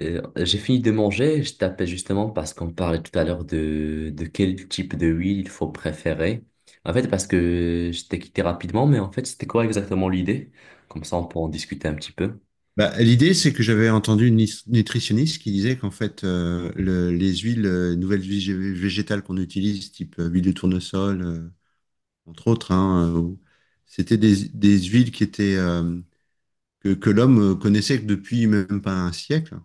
J'ai fini de manger, je t'appelle justement parce qu'on parlait tout à l'heure de quel type de huile il faut préférer. En fait, parce que je t'ai quitté rapidement, mais en fait, c'était quoi exactement l'idée? Comme ça, on peut en discuter un petit peu. Bah, l'idée, c'est que j'avais entendu une nutritionniste qui disait qu'en fait, les huiles, nouvelles huiles végétales qu'on utilise, type huile de tournesol, entre autres, hein, c'était des huiles qui étaient, que l'homme connaissait que depuis même pas un siècle,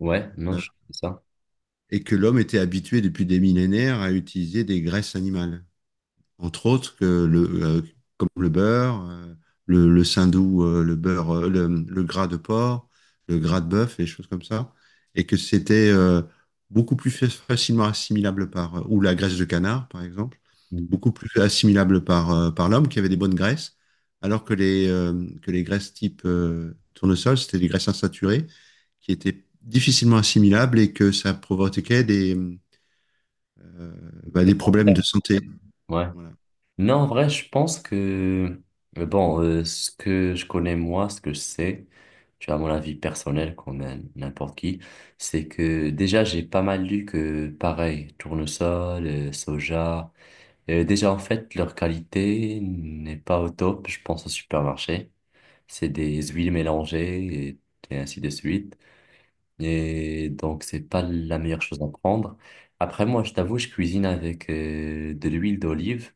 Ouais, non, euh, je c'est ça. et que l'homme était habitué depuis des millénaires à utiliser des graisses animales. Entre autres que comme le beurre, le saindoux, le beurre, le gras de porc, le gras de bœuf et des choses comme ça, et que c'était beaucoup plus facilement assimilable par, ou la graisse de canard par exemple, Mm. beaucoup plus assimilable par l'homme qui avait des bonnes graisses, alors que que les graisses type tournesol, c'était des graisses insaturées qui étaient difficilement assimilables et que ça provoquait euh, bah, Les des problèmes de commentaires. santé. Ouais. Voilà. Non, en vrai, je pense que, bon, ce que je connais moi, ce que je sais, tu vois, mon avis personnel, qu'on a n'importe qui, c'est que déjà, j'ai pas mal lu que, pareil, tournesol, soja. Déjà, en fait, leur qualité n'est pas au top, je pense, au supermarché. C'est des huiles mélangées et ainsi de suite. Et donc, c'est pas la meilleure chose à prendre. Après, moi, je t'avoue, je cuisine avec de l'huile d'olive.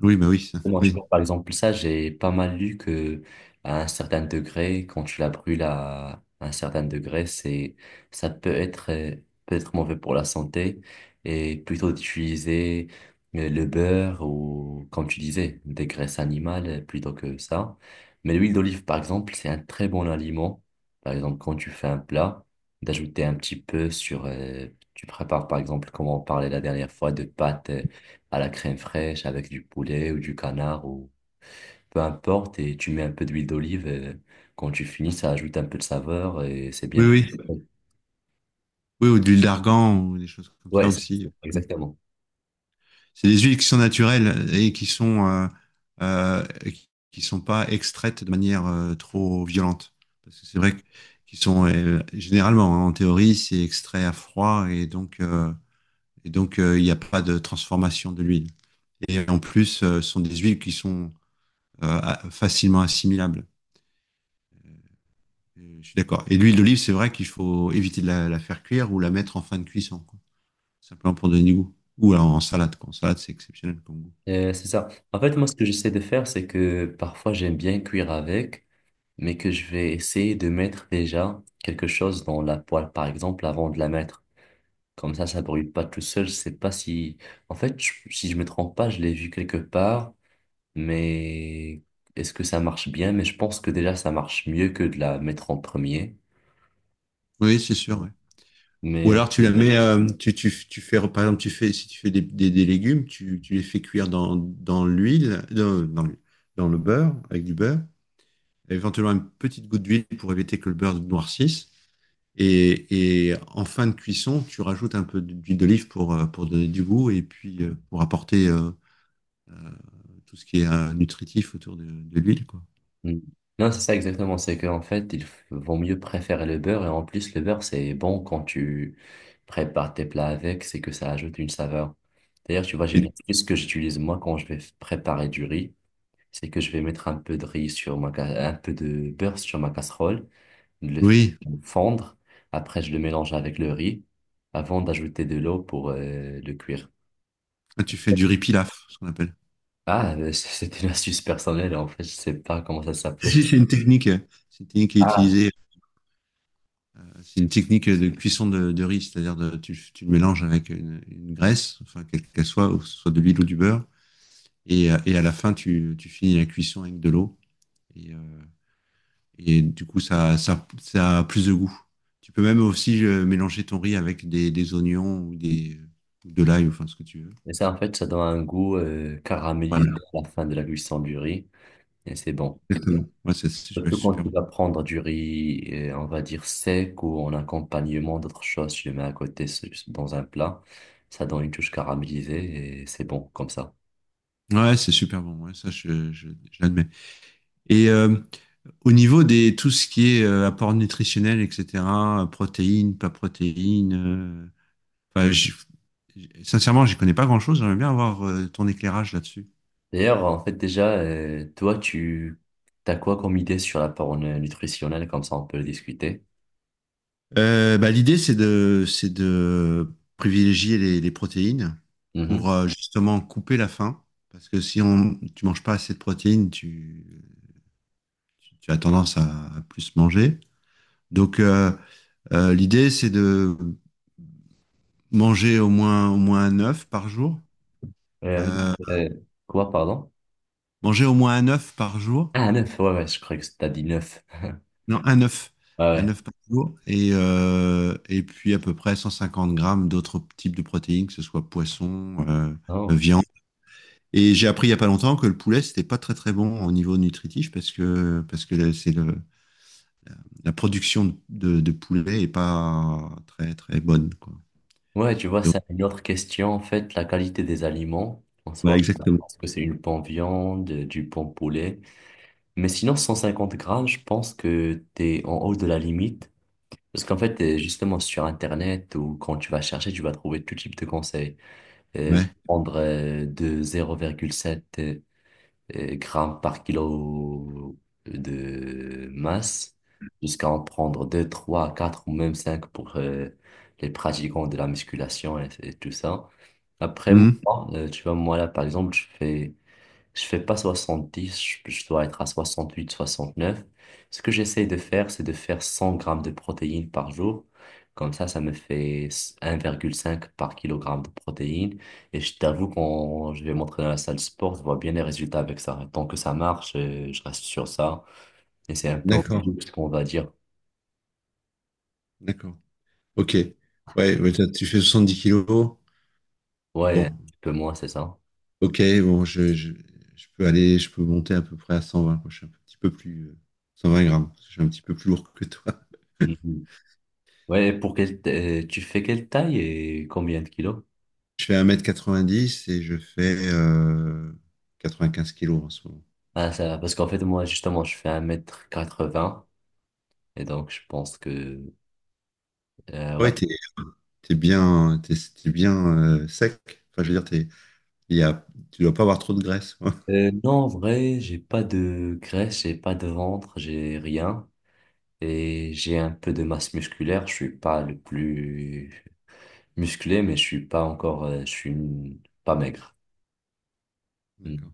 Oui, bah oui, ça, Moi, tu oui. vois, par exemple, ça, j'ai pas mal lu que à un certain degré, quand tu la brûles à un certain degré, ça peut être mauvais pour la santé et plutôt d'utiliser le beurre ou, comme tu disais, des graisses animales plutôt que ça. Mais l'huile d'olive, par exemple, c'est un très bon aliment. Par exemple, quand tu fais un plat, d'ajouter un petit peu tu prépares, par exemple, comme on parlait la dernière fois, de pâtes à la crème fraîche avec du poulet ou du canard ou peu importe et tu mets un peu d'huile d'olive et quand tu finis ça ajoute un peu de saveur et c'est Oui, bien. oui, oui, ou de l'huile d'argan ou des choses comme ça Ouais, aussi. Exactement. C'est des huiles qui sont naturelles et euh, qui sont pas extraites de manière trop violente. Parce que c'est vrai qu'ils sont généralement, hein, en théorie, c'est extrait à froid et donc il n'y a pas de transformation de l'huile. Et en plus, ce sont des huiles qui sont facilement assimilables. Je suis d'accord. Et l'huile d'olive, c'est vrai qu'il faut éviter de la faire cuire ou la mettre en fin de cuisson, quoi, simplement pour donner du goût. Ou alors en salade, quoi. En salade, c'est exceptionnel comme goût. C'est ça. En fait, moi, ce que j'essaie de faire, c'est que parfois j'aime bien cuire avec, mais que je vais essayer de mettre déjà quelque chose dans la poêle, par exemple, avant de la mettre. Comme ça brûle pas tout seul. Je sais pas si, en fait, si je me trompe pas, je l'ai vu quelque part. Mais est-ce que ça marche bien? Mais je pense que déjà ça marche mieux que de la mettre en premier. Oui, c'est sûr, ouais. Ou Mais alors tu la mets, tu fais, par exemple, tu fais, si tu fais des légumes, tu les fais cuire dans l'huile, dans le beurre, avec du beurre, éventuellement une petite goutte d'huile pour éviter que le beurre noircisse. Et en fin de cuisson, tu rajoutes un peu d'huile d'olive pour donner du goût et puis pour apporter tout ce qui est nutritif autour de l'huile, quoi. mm. Non, c'est ça exactement. C'est qu'en fait, il vaut mieux préférer le beurre. Et en plus, le beurre, c'est bon quand tu prépares tes plats avec, c'est que ça ajoute une saveur. D'ailleurs, tu vois, j'ai une Mais, astuce que j'utilise moi quand je vais préparer du riz. C'est que je vais mettre un peu de beurre sur ma casserole. Le oui, fondre. Après, je le mélange avec le riz avant d'ajouter de l'eau pour le cuire. tu fais du riz pilaf, ce qu'on appelle. Ah, c'était une astuce personnelle. En fait, je sais pas comment ça s'appelait. Si, c'est une technique qui est Ah, utilisée, c'est une technique de cuisson de riz, c'est-à-dire tu le mélanges avec une graisse, enfin, quelle qu'elle soit, ou que ce soit de l'huile ou du beurre, et à la fin, tu finis la cuisson avec de l'eau, et, euh, et du coup, ça a plus de goût. Tu peux même aussi mélanger ton riz avec des oignons ou de l'ail, ou enfin, ce que tu veux. mais ça, en fait, ça donne un goût caramélisé Voilà, à la fin de la cuisson du riz. Et c'est bon. exactement. Ouais, c'est Surtout quand super tu bon. vas prendre du riz, on va dire sec ou en accompagnement d'autres choses, tu le mets à côté dans un plat. Ça donne une touche caramélisée et c'est bon comme ça. Ouais, c'est super bon, ouais, ça, je l'admets. Et euh, Au niveau des tout ce qui est apport nutritionnel, etc., protéines, pas protéines, enfin, sincèrement, j'y connais pas grand-chose. J'aimerais bien avoir ton éclairage là-dessus. D'ailleurs, en fait, déjà, toi, tu as quoi comme idée sur la parole nutritionnelle? Comme ça, on peut le discuter. Bah, l'idée, c'est de privilégier les protéines Mhm. pour justement couper la faim. Parce que si on, tu manges pas assez de protéines, tu as tendance à plus manger. Donc, l'idée, c'est de manger au moins un œuf par jour. Euh, Euh, euh, quoi, pardon? Manger au moins un œuf par jour. Ah, neuf, ouais, ouais, je croyais que t'as dit neuf. Non, un œuf. Ouais, Un ouais. œuf par jour. Et puis à peu près 150 grammes d'autres types de protéines, que ce soit poisson, Oh. viande. Et j'ai appris il n'y a pas longtemps que le poulet, c'était pas très très bon au niveau nutritif parce que la production de poulet est pas très très bonne, quoi. Ouais, tu vois, Donc, c'est une autre question, en fait, la qualité des aliments, en ouais, soi, exactement. parce que c'est une bonne viande, du bon poulet. Mais sinon, 150 grammes, je pense que t'es en haut de la limite. Parce qu'en fait, justement, sur Internet ou quand tu vas chercher, tu vas trouver tout type de conseils. euh, Ouais. Prendre de 0,7 grammes par kilo de masse jusqu'à en prendre 2 3 4 ou même 5 pour les pratiquants de la musculation et tout ça. Après, Mhm. moi, tu vois, moi là, par exemple, je fais pas 70, je dois être à 68 69. Ce que j'essaie de faire, c'est de faire 100 grammes de protéines par jour. Comme ça me fait 1,5 par kilogramme de protéines. Et je t'avoue, quand je vais m'entraîner à la salle de sport, je vois bien les résultats avec ça. Tant que ça marche, je reste sur ça. Et c'est un peu D'accord. ce qu'on va dire. D'accord. Ok. Ouais, ouais, tu fais 70 kilos. Ouais, un Bon. petit peu moins, c'est ça. Ok, bon, je peux aller, je peux monter à peu près à 120, quoi. Je suis un petit peu plus, 120 grammes, parce que je suis un petit peu plus lourd que toi. Mhm. Ouais, tu fais quelle taille et combien de kilos? Je fais 1m90 et je fais 95 kilos en ce moment. Ah, ça, parce qu'en fait, moi, justement, je fais un mètre quatre 80. Et donc, je pense que, ouais. Ouais, t'es bien, t'es bien sec. Enfin, je veux dire, t'es, il y a, tu dois pas avoir trop de graisse, quoi. Non, en vrai, j'ai pas de graisse, j'ai pas de ventre, j'ai rien. Et j'ai un peu de masse musculaire. Je suis pas le plus musclé, mais je suis pas encore, je suis pas maigre. Mm. D'accord.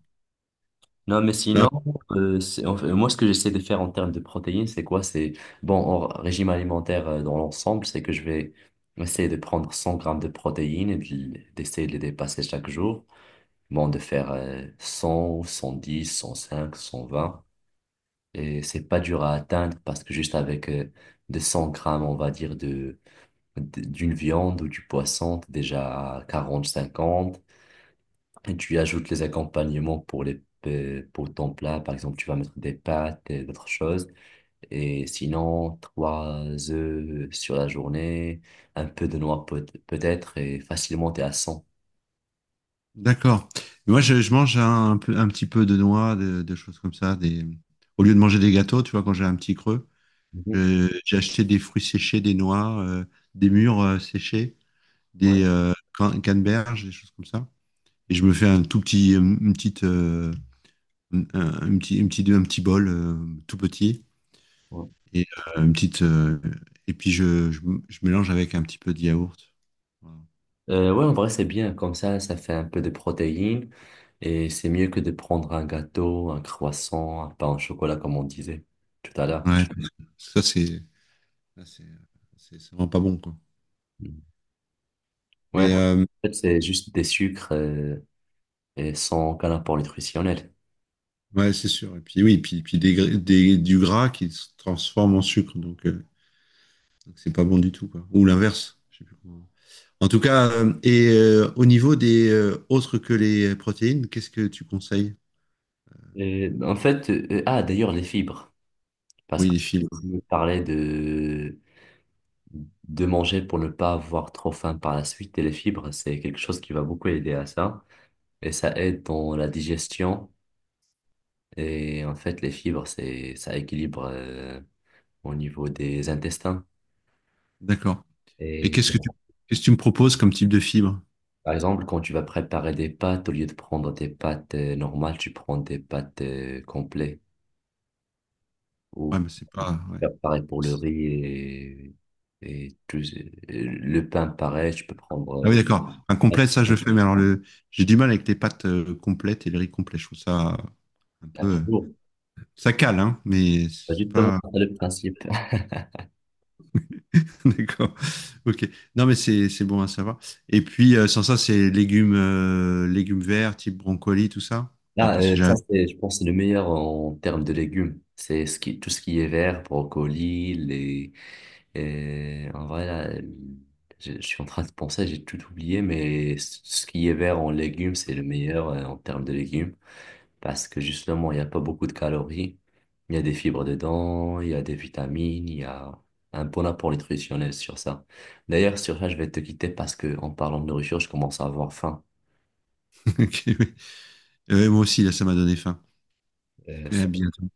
Non, mais Non, sinon, en fait, moi, ce que j'essaie de faire en termes de protéines, c'est quoi? C'est, bon, en régime alimentaire, dans l'ensemble, c'est que je vais essayer de prendre 100 grammes de protéines et d'essayer de les dépasser chaque jour. Bon, de faire 100, 110, 105, 120. Et c'est pas dur à atteindre parce que juste avec 200 grammes, on va dire, d'une viande ou du poisson, t'es déjà à 40, 50. Et tu y ajoutes les accompagnements pour ton plat, par exemple, tu vas mettre des pâtes et d'autres choses. Et sinon, trois œufs sur la journée, un peu de noix peut-être, et facilement, t'es à 100. d'accord. Moi, je mange un petit peu de noix, de choses comme ça. Au lieu de manger des gâteaux, tu vois, quand j'ai un petit creux, Mhm. J'ai acheté des fruits séchés, des noix, des mûres séchées, Ouais, des canneberges, des choses comme ça. Et je me fais un petit bol tout petit. ouais. Et euh, une petite, euh, et puis je mélange avec un petit peu de yaourt. Voilà. Ouais, en vrai, c'est bien. Comme ça fait un peu de protéines et c'est mieux que de prendre un gâteau, un croissant, un pain au chocolat, comme on disait tout à l'heure. Ouais, ça c'est, ça, c'est vraiment pas bon, quoi. Mm. Ouais, Mais, en fait, c'est juste des sucres et sans aucun apport nutritionnel. ouais, c'est sûr. Et puis oui, puis du gras qui se transforme en sucre. Donc c'est pas bon du tout, quoi. Ou l'inverse. Je sais plus comment. En tout cas, au niveau des autres que les protéines, qu'est-ce que tu conseilles? Et, en fait, ah, d'ailleurs, les fibres. Parce Oui, les fibres. qu'on parlait de manger pour ne pas avoir trop faim par la suite et les fibres, c'est quelque chose qui va beaucoup aider à ça. Et ça aide dans la digestion. Et en fait, les fibres, ça équilibre au niveau des intestins. D'accord. Et Et bon, qu'est-ce que tu me proposes comme type de fibre? par exemple, quand tu vas préparer des pâtes, au lieu de prendre des pâtes normales, tu prends des pâtes complètes. Ouais, Ou mais c'est pas. Ouais. faire pareil pour le riz et, et tout, le pain, pareil, tu peux Ah prendre oui, d'accord. Un complet, ça je le au- fais, mais j'ai du mal avec les pâtes complètes et les riz complets. Je trouve ça un à peu, ta. euh, ça cale, hein, mais C'est c'est justement, pas. c'est le principe. D'accord. Ok. Non, mais c'est bon à savoir. Et puis, sans ça, c'est légumes, légumes verts, type brocoli, tout ça. Ah, Là, parce que j'ai. ça, c'est, je pense, c'est le meilleur en termes de légumes. C'est ce qui, tout ce qui est vert, brocoli, les. Et en vrai, là, je suis en train de penser, j'ai tout oublié, mais ce qui est vert en légumes, c'est le meilleur en termes de légumes. Parce que justement, il n'y a pas beaucoup de calories. Il y a des fibres dedans, il y a des vitamines, il y a un bon apport nutritionnel sur ça. D'ailleurs, sur ça, je vais te quitter parce que en parlant de nourriture, je commence à avoir faim. Ok, oui. Moi aussi, là, ça m'a donné faim. Mais à Ça bientôt.